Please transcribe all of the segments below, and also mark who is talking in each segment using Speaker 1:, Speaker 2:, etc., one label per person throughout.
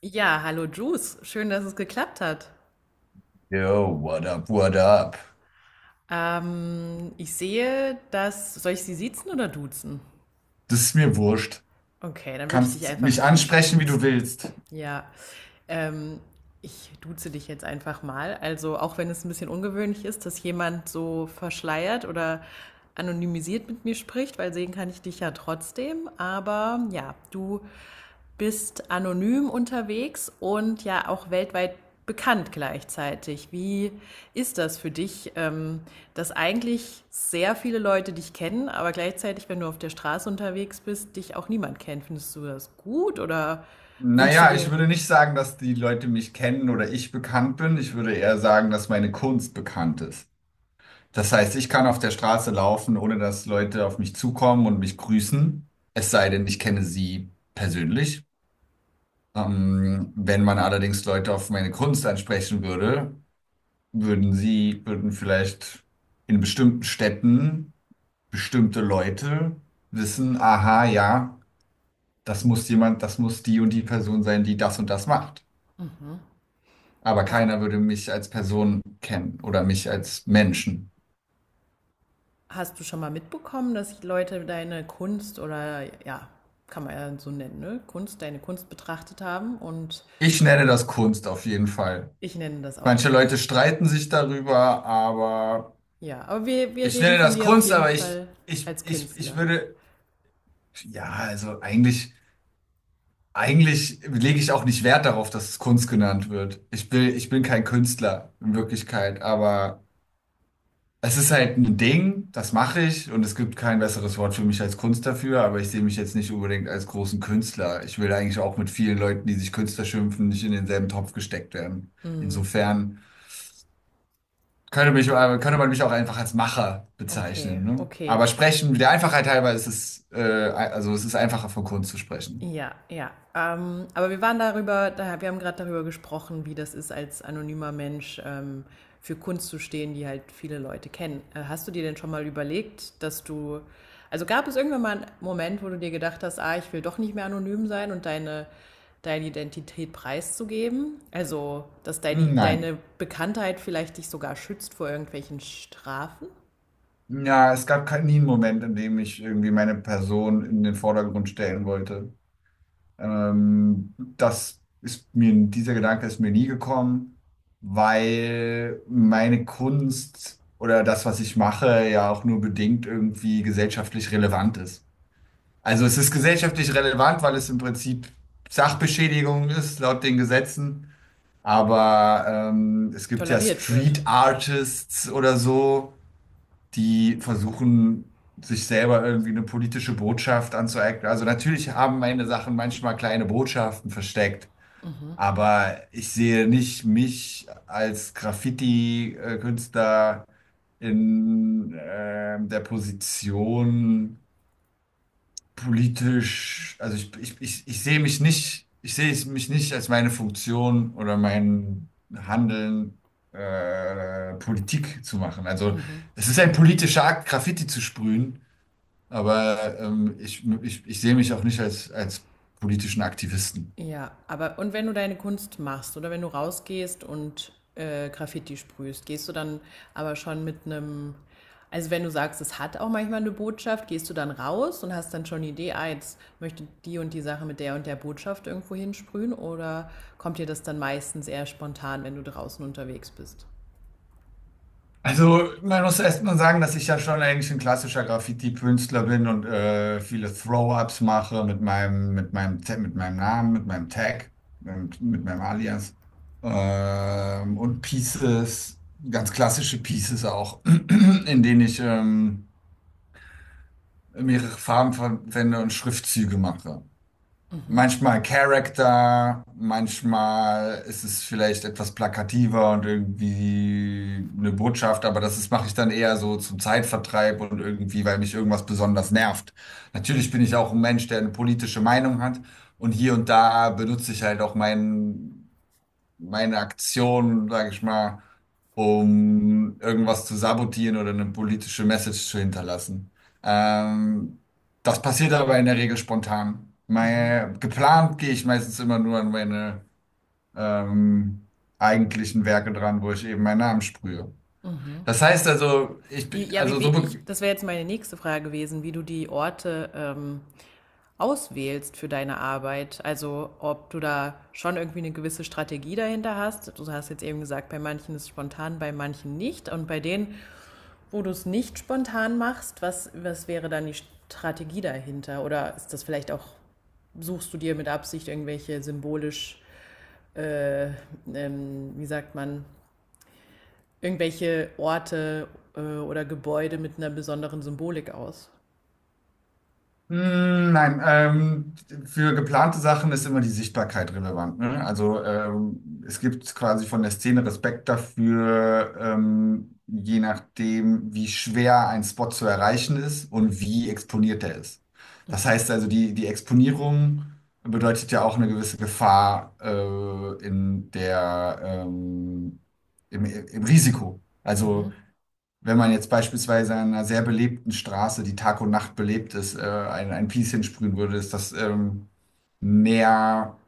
Speaker 1: Ja, hallo Juice. Schön, dass es geklappt hat.
Speaker 2: Yo, what up, what up?
Speaker 1: Ich sehe, dass. Soll ich Sie siezen oder duzen?
Speaker 2: Das ist mir wurscht.
Speaker 1: Okay, dann würde ich dich
Speaker 2: Kannst
Speaker 1: einfach
Speaker 2: mich ansprechen, wie du
Speaker 1: duzen.
Speaker 2: willst.
Speaker 1: Ja. Ähm, Ich duze dich jetzt einfach mal. Also auch wenn es ein bisschen ungewöhnlich ist, dass jemand so verschleiert oder anonymisiert mit mir spricht, weil sehen kann ich dich ja trotzdem. Aber ja, du bist anonym unterwegs und ja auch weltweit bekannt gleichzeitig. Wie ist das für dich, dass eigentlich sehr viele Leute dich kennen, aber gleichzeitig, wenn du auf der Straße unterwegs bist, dich auch niemand kennt? Findest du das gut oder wünschst du
Speaker 2: Naja, ich
Speaker 1: dir,
Speaker 2: würde nicht sagen, dass die Leute mich kennen oder ich bekannt bin. Ich würde eher sagen, dass meine Kunst bekannt ist. Das heißt, ich kann auf der Straße laufen, ohne dass Leute auf mich zukommen und mich grüßen. Es sei denn, ich kenne sie persönlich. Wenn man allerdings Leute auf meine Kunst ansprechen würde, würden vielleicht in bestimmten Städten bestimmte Leute wissen, aha, ja, das muss die und die Person sein, die das und das macht. Aber
Speaker 1: hast,
Speaker 2: keiner würde mich als Person kennen oder mich als Menschen.
Speaker 1: hast du schon mal mitbekommen, dass Leute deine Kunst oder ja, kann man ja so nennen, ne? Kunst, deine Kunst betrachtet haben und
Speaker 2: Ich nenne das Kunst auf jeden Fall.
Speaker 1: ich nenne das auch
Speaker 2: Manche Leute
Speaker 1: Kunst.
Speaker 2: streiten sich darüber, aber
Speaker 1: Ja, aber wir
Speaker 2: ich
Speaker 1: reden
Speaker 2: nenne
Speaker 1: von
Speaker 2: das
Speaker 1: dir auf
Speaker 2: Kunst,
Speaker 1: jeden
Speaker 2: aber ich,
Speaker 1: Fall
Speaker 2: ich,
Speaker 1: als
Speaker 2: ich, ich
Speaker 1: Künstler.
Speaker 2: würde, ja, also eigentlich, eigentlich lege ich auch nicht Wert darauf, dass es Kunst genannt wird. Ich bin kein Künstler in Wirklichkeit, aber es ist halt ein Ding, das mache ich, und es gibt kein besseres Wort für mich als Kunst dafür, aber ich sehe mich jetzt nicht unbedingt als großen Künstler. Ich will eigentlich auch mit vielen Leuten, die sich Künstler schimpfen, nicht in denselben Topf gesteckt werden. Insofern könnte mich, äh,
Speaker 1: Okay,
Speaker 2: könnte man mich auch einfach als Macher bezeichnen, ne?
Speaker 1: okay.
Speaker 2: Der Einfachheit halber ist es, also es ist einfacher von Kunst zu sprechen.
Speaker 1: Ja, ja. Aber wir waren darüber, wir haben gerade darüber gesprochen, wie das ist, als anonymer Mensch für Kunst zu stehen, die halt viele Leute kennen. Hast du dir denn schon mal überlegt, dass du, also gab es irgendwann mal einen Moment, wo du dir gedacht hast, ah, ich will doch nicht mehr anonym sein und deine Identität preiszugeben? Also, dass
Speaker 2: Hm, nein.
Speaker 1: deine Bekanntheit vielleicht dich sogar schützt vor irgendwelchen Strafen,
Speaker 2: Ja, es gab nie einen Moment, in dem ich irgendwie meine Person in den Vordergrund stellen wollte. Dieser Gedanke ist mir nie gekommen, weil meine Kunst oder das, was ich mache, ja auch nur bedingt irgendwie gesellschaftlich relevant ist. Also es ist gesellschaftlich relevant, weil es im Prinzip Sachbeschädigung ist, laut den Gesetzen. Aber es gibt ja
Speaker 1: toleriert wird?
Speaker 2: Street Artists oder so, die versuchen, sich selber irgendwie eine politische Botschaft anzueignen. Also natürlich haben meine Sachen manchmal kleine Botschaften versteckt, aber ich sehe nicht mich als Graffiti-Künstler in der Position, politisch, also ich sehe es mich nicht als meine Funktion oder mein Handeln, Politik zu machen. Also es ist ein politischer Akt, Graffiti zu sprühen, aber ich sehe mich auch nicht als, als politischen Aktivisten.
Speaker 1: Ja, aber und wenn du deine Kunst machst oder wenn du rausgehst und Graffiti sprühst, gehst du dann aber schon mit einem, also wenn du sagst, es hat auch manchmal eine Botschaft, gehst du dann raus und hast dann schon die Idee, ah, jetzt möchte die und die Sache mit der und der Botschaft irgendwo hinsprühen oder kommt dir das dann meistens eher spontan, wenn du draußen unterwegs bist?
Speaker 2: Also, man muss erst mal sagen, dass ich ja schon eigentlich ein klassischer Graffiti-Künstler bin und viele Throw-ups mache mit mit meinem Namen, mit meinem Tag, und mit meinem Alias. Und Pieces, ganz klassische Pieces auch, in denen ich mehrere Farben verwende und Schriftzüge mache. Manchmal Character, manchmal ist es vielleicht etwas plakativer und irgendwie eine Botschaft, aber mache ich dann eher so zum Zeitvertreib und irgendwie, weil mich irgendwas besonders nervt. Natürlich bin ich auch ein Mensch, der eine politische Meinung hat, und hier und da benutze ich halt auch meine Aktion, sage ich mal, um irgendwas zu sabotieren oder eine politische Message zu hinterlassen. Ähm, Das passiert aber in der Regel spontan. Geplant gehe ich meistens immer nur an meine ähm, eigentlichen Werke dran, wo ich eben meinen Namen sprühe. Das heißt also, ich,
Speaker 1: Wie,
Speaker 2: bin-
Speaker 1: ja, wie,
Speaker 2: also
Speaker 1: we-
Speaker 2: so,
Speaker 1: ich, das wäre jetzt meine nächste Frage gewesen, wie du die Orte auswählst für deine Arbeit. Also ob du da schon irgendwie eine gewisse Strategie dahinter hast. Du hast jetzt eben gesagt, bei manchen ist es spontan, bei manchen nicht. Und bei denen, wo du es nicht spontan machst, was wäre dann die Strategie dahinter? Oder ist das vielleicht auch, suchst du dir mit Absicht irgendwelche symbolisch, äh, wie sagt man, irgendwelche Orte oder Gebäude mit einer besonderen Symbolik aus?
Speaker 2: Mm, nein, für geplante Sachen ist immer die Sichtbarkeit relevant. Ne? Also es gibt quasi von der Szene Respekt dafür, je nachdem, wie schwer ein Spot zu erreichen ist und wie exponiert er ist. Das heißt also, die Exponierung bedeutet ja auch eine gewisse Gefahr im Risiko. Also
Speaker 1: Mhm.
Speaker 2: wenn man jetzt beispielsweise an einer sehr belebten Straße, die Tag und Nacht belebt ist, ein Piece hinsprühen würde, ist das mehr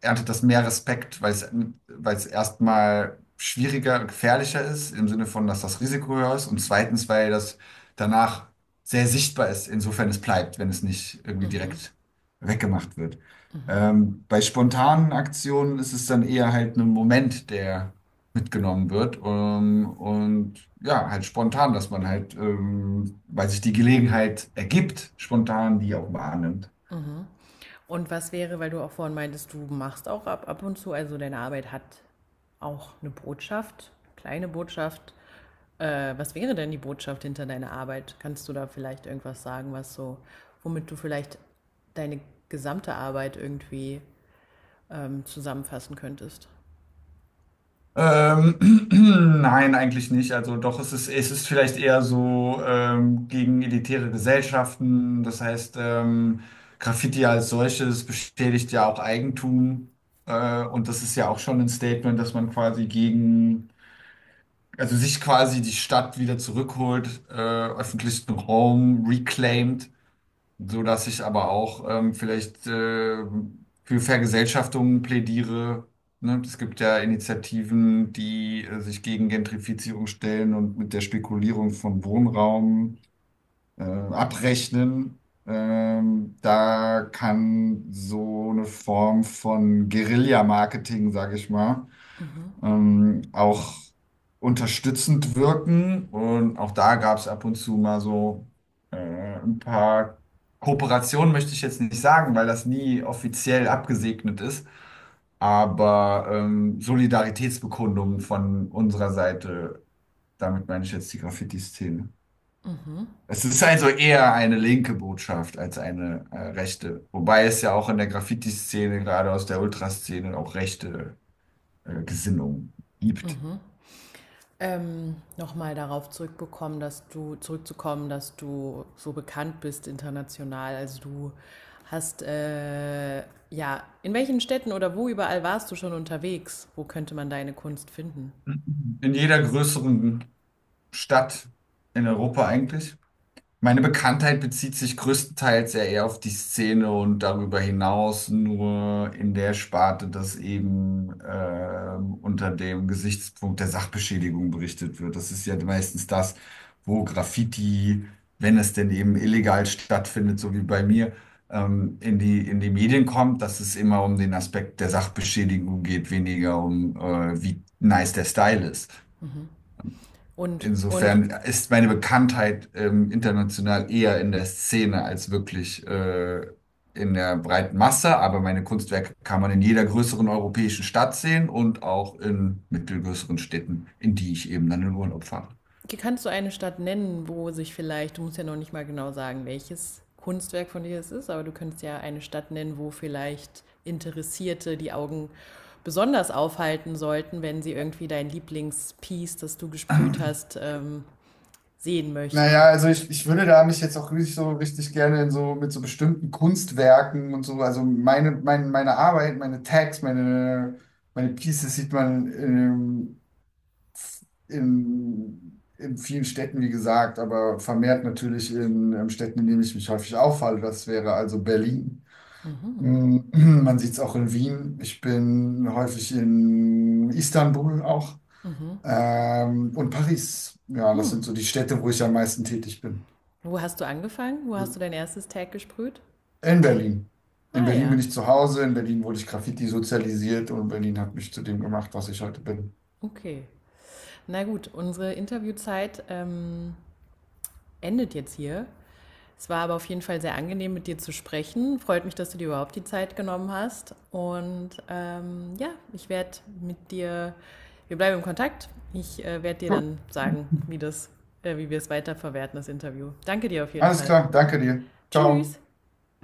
Speaker 2: erntet das mehr Respekt, weil es erstmal schwieriger und gefährlicher ist, im Sinne von, dass das Risiko höher ist, und zweitens, weil das danach sehr sichtbar ist, insofern es bleibt, wenn es nicht irgendwie direkt weggemacht wird. Bei spontanen Aktionen ist es dann eher halt ein Moment, der mitgenommen wird, und ja, halt spontan, dass man halt, weil sich die Gelegenheit ergibt, spontan die auch wahrnimmt.
Speaker 1: Und was wäre, weil du auch vorhin meintest, du machst auch ab und zu, also deine Arbeit hat auch eine Botschaft, kleine Botschaft. Was wäre denn die Botschaft hinter deiner Arbeit? Kannst du da vielleicht irgendwas sagen, was so, womit du vielleicht deine gesamte Arbeit irgendwie zusammenfassen könntest?
Speaker 2: Ähm, nein, eigentlich nicht. Also doch, es ist vielleicht eher so gegen elitäre Gesellschaften. Das heißt, Graffiti als solches beschädigt ja auch Eigentum. Und das ist ja auch schon ein Statement, dass man quasi also sich quasi die Stadt wieder zurückholt, öffentlichen Raum reclaimt, so dass ich aber auch vielleicht für Vergesellschaftungen plädiere. Ne? Es gibt ja Initiativen, die sich gegen Gentrifizierung stellen und mit der Spekulierung von Wohnraum abrechnen. Da kann so eine Form von Guerilla-Marketing, sage ich mal, auch unterstützend wirken. Und auch da gab es ab und zu mal so ein paar Kooperationen, möchte ich jetzt nicht sagen, weil das nie offiziell abgesegnet ist. Aber Solidaritätsbekundungen von unserer Seite, damit meine ich jetzt die Graffiti-Szene. Es ist also eher eine linke Botschaft als eine rechte. Wobei es ja auch in der Graffiti-Szene, gerade aus der Ultraszene, auch rechte Gesinnungen gibt.
Speaker 1: Nochmal darauf zurückbekommen, dass du zurückzukommen, dass du so bekannt bist international. Also du hast ja, in welchen Städten oder wo überall warst du schon unterwegs? Wo könnte man deine Kunst finden?
Speaker 2: In jeder größeren Stadt in Europa eigentlich. Meine Bekanntheit bezieht sich größtenteils ja eher auf die Szene und darüber hinaus nur in der Sparte, dass eben unter dem Gesichtspunkt der Sachbeschädigung berichtet wird. Das ist ja meistens das, wo Graffiti, wenn es denn eben illegal stattfindet, so wie bei mir, in in die Medien kommt, dass es immer um den Aspekt der Sachbeschädigung geht, weniger um wie nice der Style ist.
Speaker 1: Und
Speaker 2: Insofern ist meine Bekanntheit international eher in der Szene als wirklich in der breiten Masse, aber meine Kunstwerke kann man in jeder größeren europäischen Stadt sehen und auch in mittelgrößeren Städten, in die ich eben dann in Urlaub fahre.
Speaker 1: kannst du eine Stadt nennen, wo sich vielleicht, du musst ja noch nicht mal genau sagen, welches Kunstwerk von dir es ist, aber du könntest ja eine Stadt nennen, wo vielleicht Interessierte die Augen besonders aufhalten sollten, wenn sie irgendwie dein Lieblingspiece, das du gesprüht hast, sehen
Speaker 2: Naja,
Speaker 1: möchten.
Speaker 2: also ich würde da mich jetzt auch richtig gerne in so mit so bestimmten Kunstwerken und so, also meine Arbeit, meine Pieces sieht man in vielen Städten, wie gesagt, aber vermehrt natürlich in, Städten, in denen ich mich häufig aufhalte. Das wäre also Berlin. Mm, man sieht es auch in Wien. Ich bin häufig in Istanbul auch. Und Paris. Ja, das sind so die Städte, wo ich am meisten tätig bin.
Speaker 1: Wo hast du angefangen? Wo hast du dein erstes Tag gesprüht?
Speaker 2: In Berlin. In
Speaker 1: Ah
Speaker 2: Berlin
Speaker 1: ja,
Speaker 2: bin ich zu Hause, in Berlin wurde ich Graffiti sozialisiert und Berlin hat mich zu dem gemacht, was ich heute bin.
Speaker 1: okay. Na gut, unsere Interviewzeit endet jetzt hier. Es war aber auf jeden Fall sehr angenehm, mit dir zu sprechen. Freut mich, dass du dir überhaupt die Zeit genommen hast. Und ja, ich werde mit dir, wir bleiben im Kontakt. Ich werde dir
Speaker 2: Gut,
Speaker 1: dann sagen, wie wir es weiterverwerten, das Interview. Danke dir auf jeden
Speaker 2: alles
Speaker 1: Fall.
Speaker 2: klar, danke dir. Ciao.
Speaker 1: Tschüss.